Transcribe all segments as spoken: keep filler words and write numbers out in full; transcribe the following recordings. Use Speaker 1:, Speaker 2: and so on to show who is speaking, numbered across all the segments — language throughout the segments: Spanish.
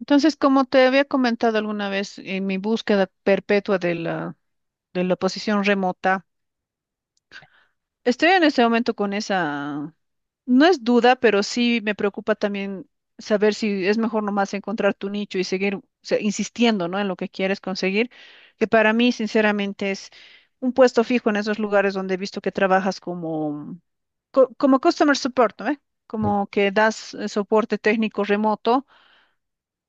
Speaker 1: Entonces, como te había comentado alguna vez en mi búsqueda perpetua de la, de la posición remota, estoy en este momento con esa, no es duda, pero sí me preocupa también saber si es mejor nomás encontrar tu nicho y seguir, o sea, insistiendo, ¿no?, en lo que quieres conseguir, que para mí, sinceramente, es un puesto fijo en esos lugares donde he visto que trabajas como, co- como customer support, ¿no? ¿Eh?
Speaker 2: Ujú.
Speaker 1: Como que das eh, soporte técnico remoto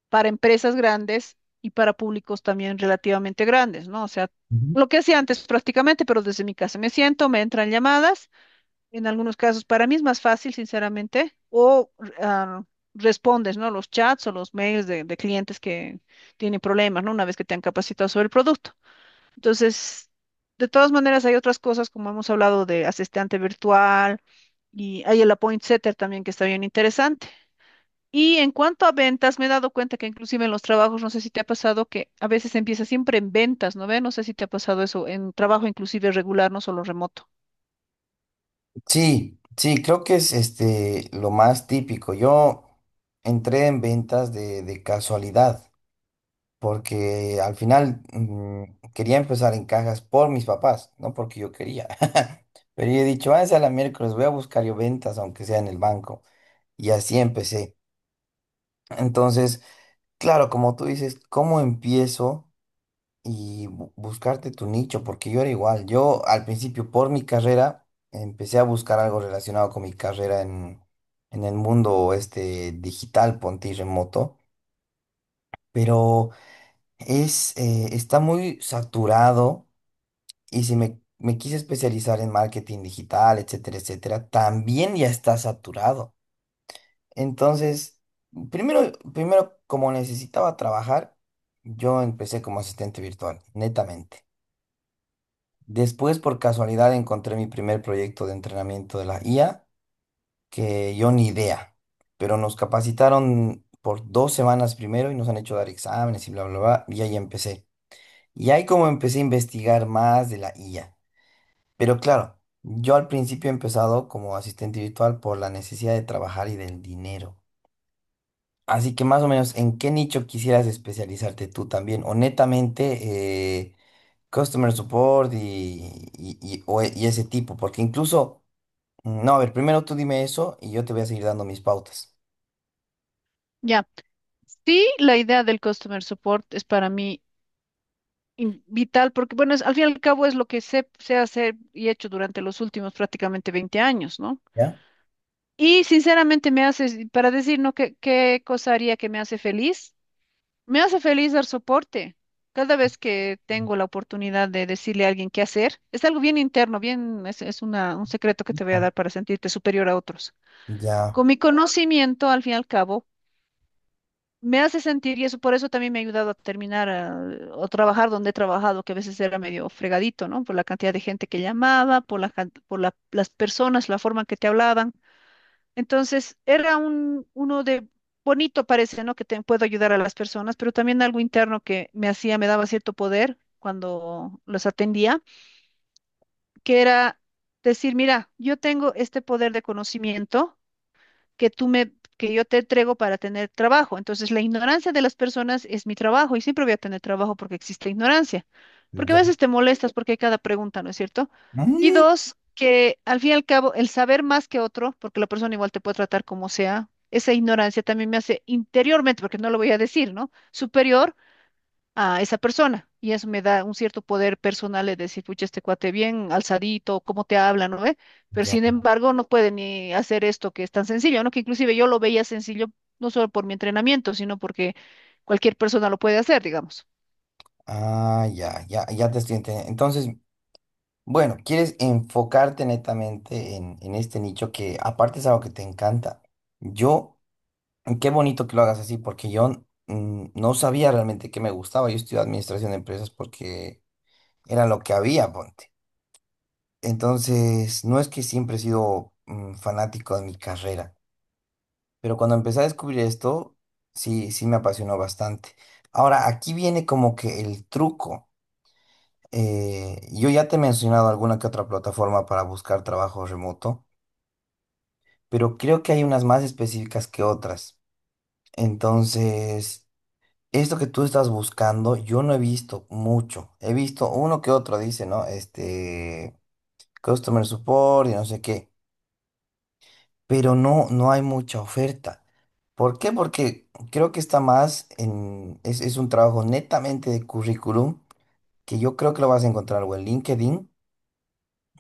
Speaker 1: para empresas grandes y para públicos también relativamente grandes, ¿no? O sea, lo que hacía antes prácticamente, pero desde mi casa me siento, me entran llamadas, en algunos casos para mí es más fácil, sinceramente, o ah, respondes, ¿no?, los chats o los mails de, de clientes que tienen problemas, ¿no?, una vez que te han capacitado sobre el producto. Entonces, de todas maneras, hay otras cosas, como hemos hablado, de asistente virtual, y hay el Appoint Setter también, que está bien interesante. Y en cuanto a ventas, me he dado cuenta que inclusive en los trabajos, no sé si te ha pasado que a veces empieza siempre en ventas, ¿no ve? No sé si te ha pasado eso, en trabajo inclusive regular, no solo remoto.
Speaker 2: Sí, sí, creo que es este lo más típico. Yo entré en ventas de, de casualidad, porque al final mm, quería empezar en cajas por mis papás, no porque yo quería. Pero yo he dicho, ah, es a la miércoles, voy a buscar yo ventas, aunque sea en el banco. Y así empecé. Entonces, claro, como tú dices, ¿cómo empiezo? Y bu- buscarte tu nicho, porque yo era igual. Yo al principio por mi carrera empecé a buscar algo relacionado con mi carrera en, en el mundo este digital, ponte y remoto, pero es, eh, está muy saturado y si me, me quise especializar en marketing digital, etcétera, etcétera, también ya está saturado. Entonces, primero, primero como necesitaba trabajar, yo empecé como asistente virtual, netamente. Después, por casualidad, encontré mi primer proyecto de entrenamiento de la I A, que yo ni idea, pero nos capacitaron por dos semanas primero y nos han hecho dar exámenes y bla, bla, bla, y ahí empecé. Y ahí como empecé a investigar más de la I A. Pero claro, yo al principio he empezado como asistente virtual por la necesidad de trabajar y del dinero. Así que más o menos, ¿en qué nicho quisieras especializarte tú también? Honestamente, customer support y, y, y- o e- y ese tipo, porque incluso, mm, no, a ver, primero tú dime eso y yo te voy a seguir dando mis pautas.
Speaker 1: Ya. Sí, la idea del customer support es para mí in- vital porque, bueno, es, al fin y al cabo, es lo que sé, sé hacer y he hecho durante los últimos prácticamente veinte años, ¿no?
Speaker 2: ¿Ya?
Speaker 1: Y sinceramente me hace, para decir, ¿no?, ¿qué, qué cosa haría que me hace feliz? Me hace feliz dar soporte. Cada vez que tengo la oportunidad de decirle a alguien qué hacer, es algo bien interno, bien, es, es una, un secreto que te voy a
Speaker 2: Listo.
Speaker 1: dar para sentirte superior a otros.
Speaker 2: Ya,
Speaker 1: Con mi conocimiento, al fin y al cabo, me hace sentir, y eso, por eso también me ha ayudado a terminar, ah, o trabajar donde he trabajado, que a veces era medio fregadito, ¿no?, por la cantidad de gente que llamaba, por la, can- por la- las personas, la forma en que te hablaban. Entonces, era un, uno de, bonito parece, ¿no?, que te puedo ayudar a las personas, pero también algo interno que me hacía, me daba cierto poder cuando los atendía, que era decir, mira, yo tengo este poder de conocimiento que tú me, que yo te entrego para tener trabajo. Entonces, la ignorancia de las personas es mi trabajo, y siempre voy a tener trabajo porque existe ignorancia. Porque a
Speaker 2: ya.
Speaker 1: veces te molestas porque hay cada pregunta, ¿no es cierto? Y
Speaker 2: Mm.
Speaker 1: dos, que al fin y al cabo, el saber más que otro, porque la persona igual te puede tratar como sea, esa ignorancia también me hace interiormente, porque no lo voy a decir, ¿no?, superior a esa persona. Y eso me da un cierto poder personal de decir, pucha, este cuate bien alzadito, cómo te habla, ¿no ve? Pero
Speaker 2: Ya.
Speaker 1: sin embargo, no puede ni hacer esto que es tan sencillo, ¿no?, que inclusive yo lo veía sencillo, no solo por mi entrenamiento, sino porque cualquier persona lo puede hacer, digamos.
Speaker 2: Ah, ya, ya, ya te estoy entendiendo. Entonces, bueno, quieres enfocarte netamente en, en este nicho que aparte es algo que te encanta. Yo, qué bonito que lo hagas así, porque yo mm, no sabía realmente qué me gustaba. Yo estudié administración de empresas porque era lo que había, ponte. Entonces, no es que siempre he sido mm, fanático de mi carrera, pero cuando empecé a descubrir esto, sí, sí me apasionó bastante. Ahora, aquí viene como que el truco. Eh, yo ya te he mencionado alguna que otra plataforma para buscar trabajo remoto, pero creo que hay unas más específicas que otras. Entonces, esto que tú estás buscando, yo no he visto mucho. He visto uno que otro, dice, ¿no? Este, customer support y no sé qué, pero no, no hay mucha oferta. ¿Por qué? Porque creo que está más en, es, es un trabajo netamente de currículum que yo creo que lo vas a encontrar o en LinkedIn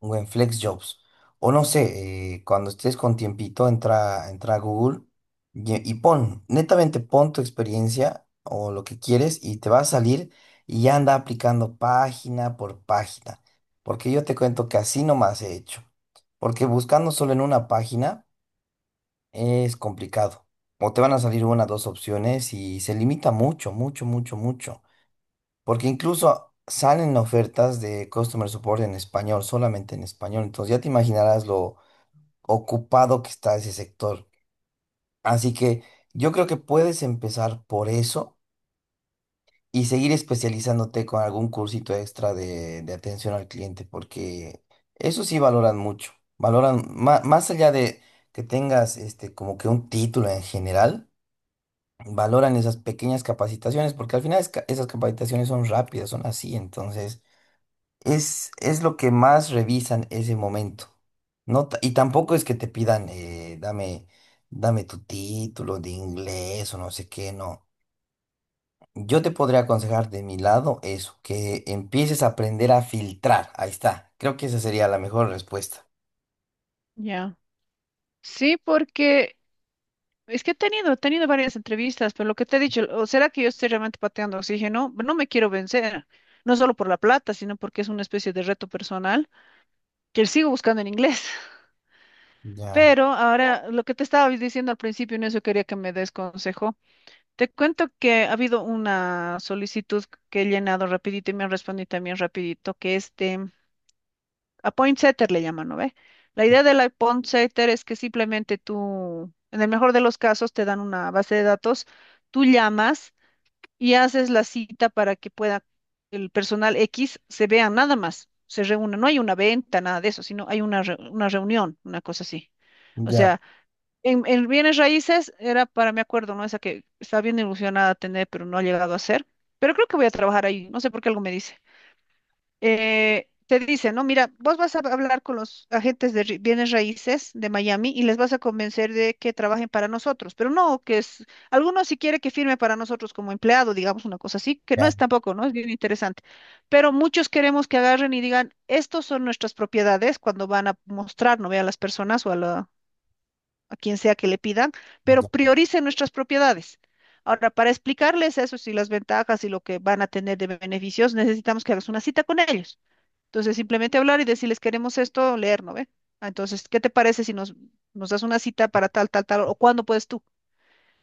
Speaker 2: o en FlexJobs. O no sé, eh, cuando estés con tiempito, entra, entra a Google y, y pon, netamente pon tu experiencia o lo que quieres y te va a salir y ya anda aplicando página por página. Porque yo te cuento que así nomás he hecho, porque buscando solo en una página es complicado. O te van a salir una, dos opciones y se limita mucho, mucho, mucho, mucho. Porque incluso salen ofertas de customer support en español, solamente en español. Entonces ya te imaginarás lo ocupado que está ese sector. Así que yo creo que puedes empezar por eso y seguir especializándote con algún cursito extra de, de atención al cliente, porque eso sí valoran mucho. Valoran má- más allá de que tengas este como que un título en general, valoran esas pequeñas capacitaciones, porque al final es ca- esas capacitaciones son rápidas, son así, entonces es, es lo que más revisan ese momento. No, ta- y tampoco es que te pidan, eh, dame, dame tu título de inglés o no sé qué, no. Yo te podría aconsejar de mi lado eso, que empieces a aprender a filtrar, ahí está. Creo que esa sería la mejor respuesta.
Speaker 1: Ya. Sí, porque es que he tenido, he tenido varias entrevistas, pero lo que te he dicho, o será que yo estoy realmente pateando oxígeno, no me quiero vencer, no solo por la plata, sino porque es una especie de reto personal que sigo buscando en inglés.
Speaker 2: Ya,
Speaker 1: Pero ahora, lo que te estaba diciendo al principio, en eso quería que me des consejo. Te cuento que ha habido una solicitud que he llenado rapidito y me han respondido también rapidito, que este, a point setter le llaman, ¿no ve? La idea del la point setter es que simplemente tú, en el mejor de los casos, te dan una base de datos, tú llamas y haces la cita para que pueda el personal X se vea nada más, se reúna. No hay una venta, nada de eso, sino hay una, re- una reunión, una cosa así. O
Speaker 2: ya,
Speaker 1: sea, en, en, bienes raíces era para mi acuerdo, ¿no? Esa que estaba bien ilusionada tener, pero no ha llegado a ser. Pero creo que voy a trabajar ahí, no sé por qué, algo me dice. Eh, te dice, ¿no?, mira, vos vas a hablar con los agentes de ri- bienes raíces de Miami y les vas a convencer de que trabajen para nosotros, pero no, que es, algunos si quiere que firme para nosotros como empleado, digamos, una cosa así, que no
Speaker 2: ya,
Speaker 1: es tampoco, ¿no? Es bien interesante. Pero muchos queremos que agarren y digan, estos son nuestras propiedades cuando van a mostrar, ¿no?, ve a las personas o a la, a quien sea que le pidan, pero
Speaker 2: ya.
Speaker 1: prioricen nuestras propiedades. Ahora, para explicarles eso y las ventajas y lo que van a tener de beneficios, necesitamos que hagas una cita con ellos. Entonces, simplemente hablar y decirles, queremos esto, leer, ¿no ve? Ah, Entonces, ¿qué te parece si nos, nos das una cita para tal, tal, tal, o cuándo puedes tú?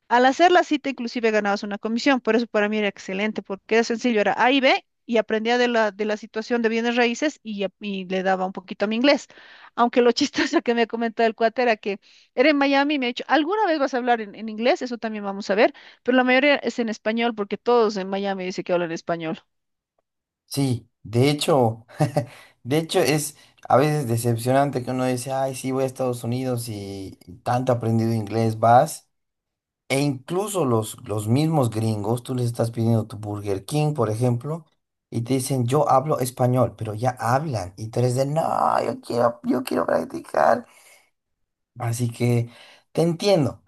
Speaker 1: Al hacer la cita, inclusive ganabas una comisión, por eso para mí era excelente, porque era sencillo, era A y B, y aprendía de la, de la situación de bienes raíces, y ya- y le daba un poquito a mi inglés. Aunque lo chistoso que me ha comentado el cuate era que era en Miami, y me ha dicho, ¿alguna vez vas a hablar en, en, inglés? Eso también vamos a ver, pero la mayoría es en español, porque todos en Miami dicen que hablan español.
Speaker 2: Sí, de hecho, de hecho es a veces decepcionante que uno dice, ay, sí, voy a Estados Unidos y, tanto he aprendido inglés, vas. E incluso los, los mismos gringos, tú les estás pidiendo tu Burger King, por ejemplo, y te dicen, yo hablo español, pero ya hablan. Y tú eres de, no, yo quiero, yo quiero practicar. Así que te entiendo,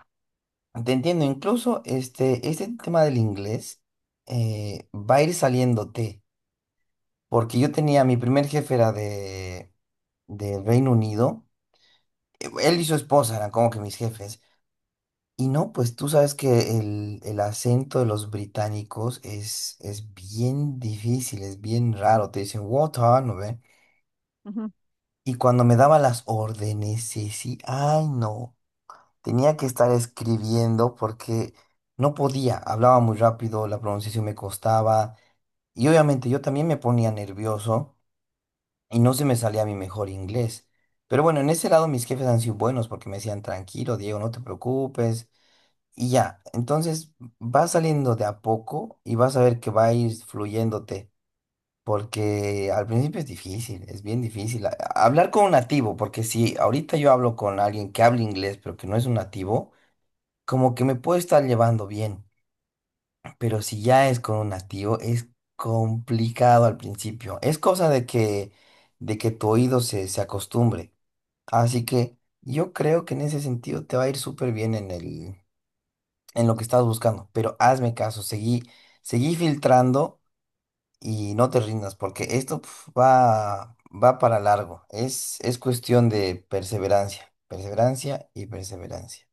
Speaker 2: te entiendo. Incluso este, este tema del inglés eh, va a ir saliéndote. Porque yo tenía, mi primer jefe era de, del Reino Unido. Eh, Él y su esposa eran como que mis jefes. Y no, pues tú sabes que el, el acento de los británicos es, es bien difícil, es bien raro. Te dicen, water, ¿no ve?
Speaker 1: Ujú.
Speaker 2: Y cuando me daba las órdenes, sí, sí, ay, no. Tenía que estar escribiendo porque no podía. Hablaba muy rápido, la pronunciación me costaba. Y obviamente yo también me ponía nervioso y no se me salía mi mejor inglés. Pero bueno, en ese lado mis jefes han sido buenos porque me decían, tranquilo, Diego, no te preocupes. Y ya, entonces va saliendo de a poco y vas a ver que va a ir fluyéndote, porque al principio es difícil, es bien difícil. A- Hablar con un nativo, porque si ahorita yo hablo con alguien que habla inglés, pero que no es un nativo, como que me puedo estar llevando bien, pero si ya es con un nativo, es complicado al principio. Es cosa de que, de que tu oído se, se acostumbre. Así que yo creo que en ese sentido te va a ir súper bien en el, en lo que estás buscando, pero hazme caso, seguí, seguí filtrando y no te rindas, porque esto pf, va, va para largo. Es, es cuestión de perseverancia, perseverancia y perseverancia.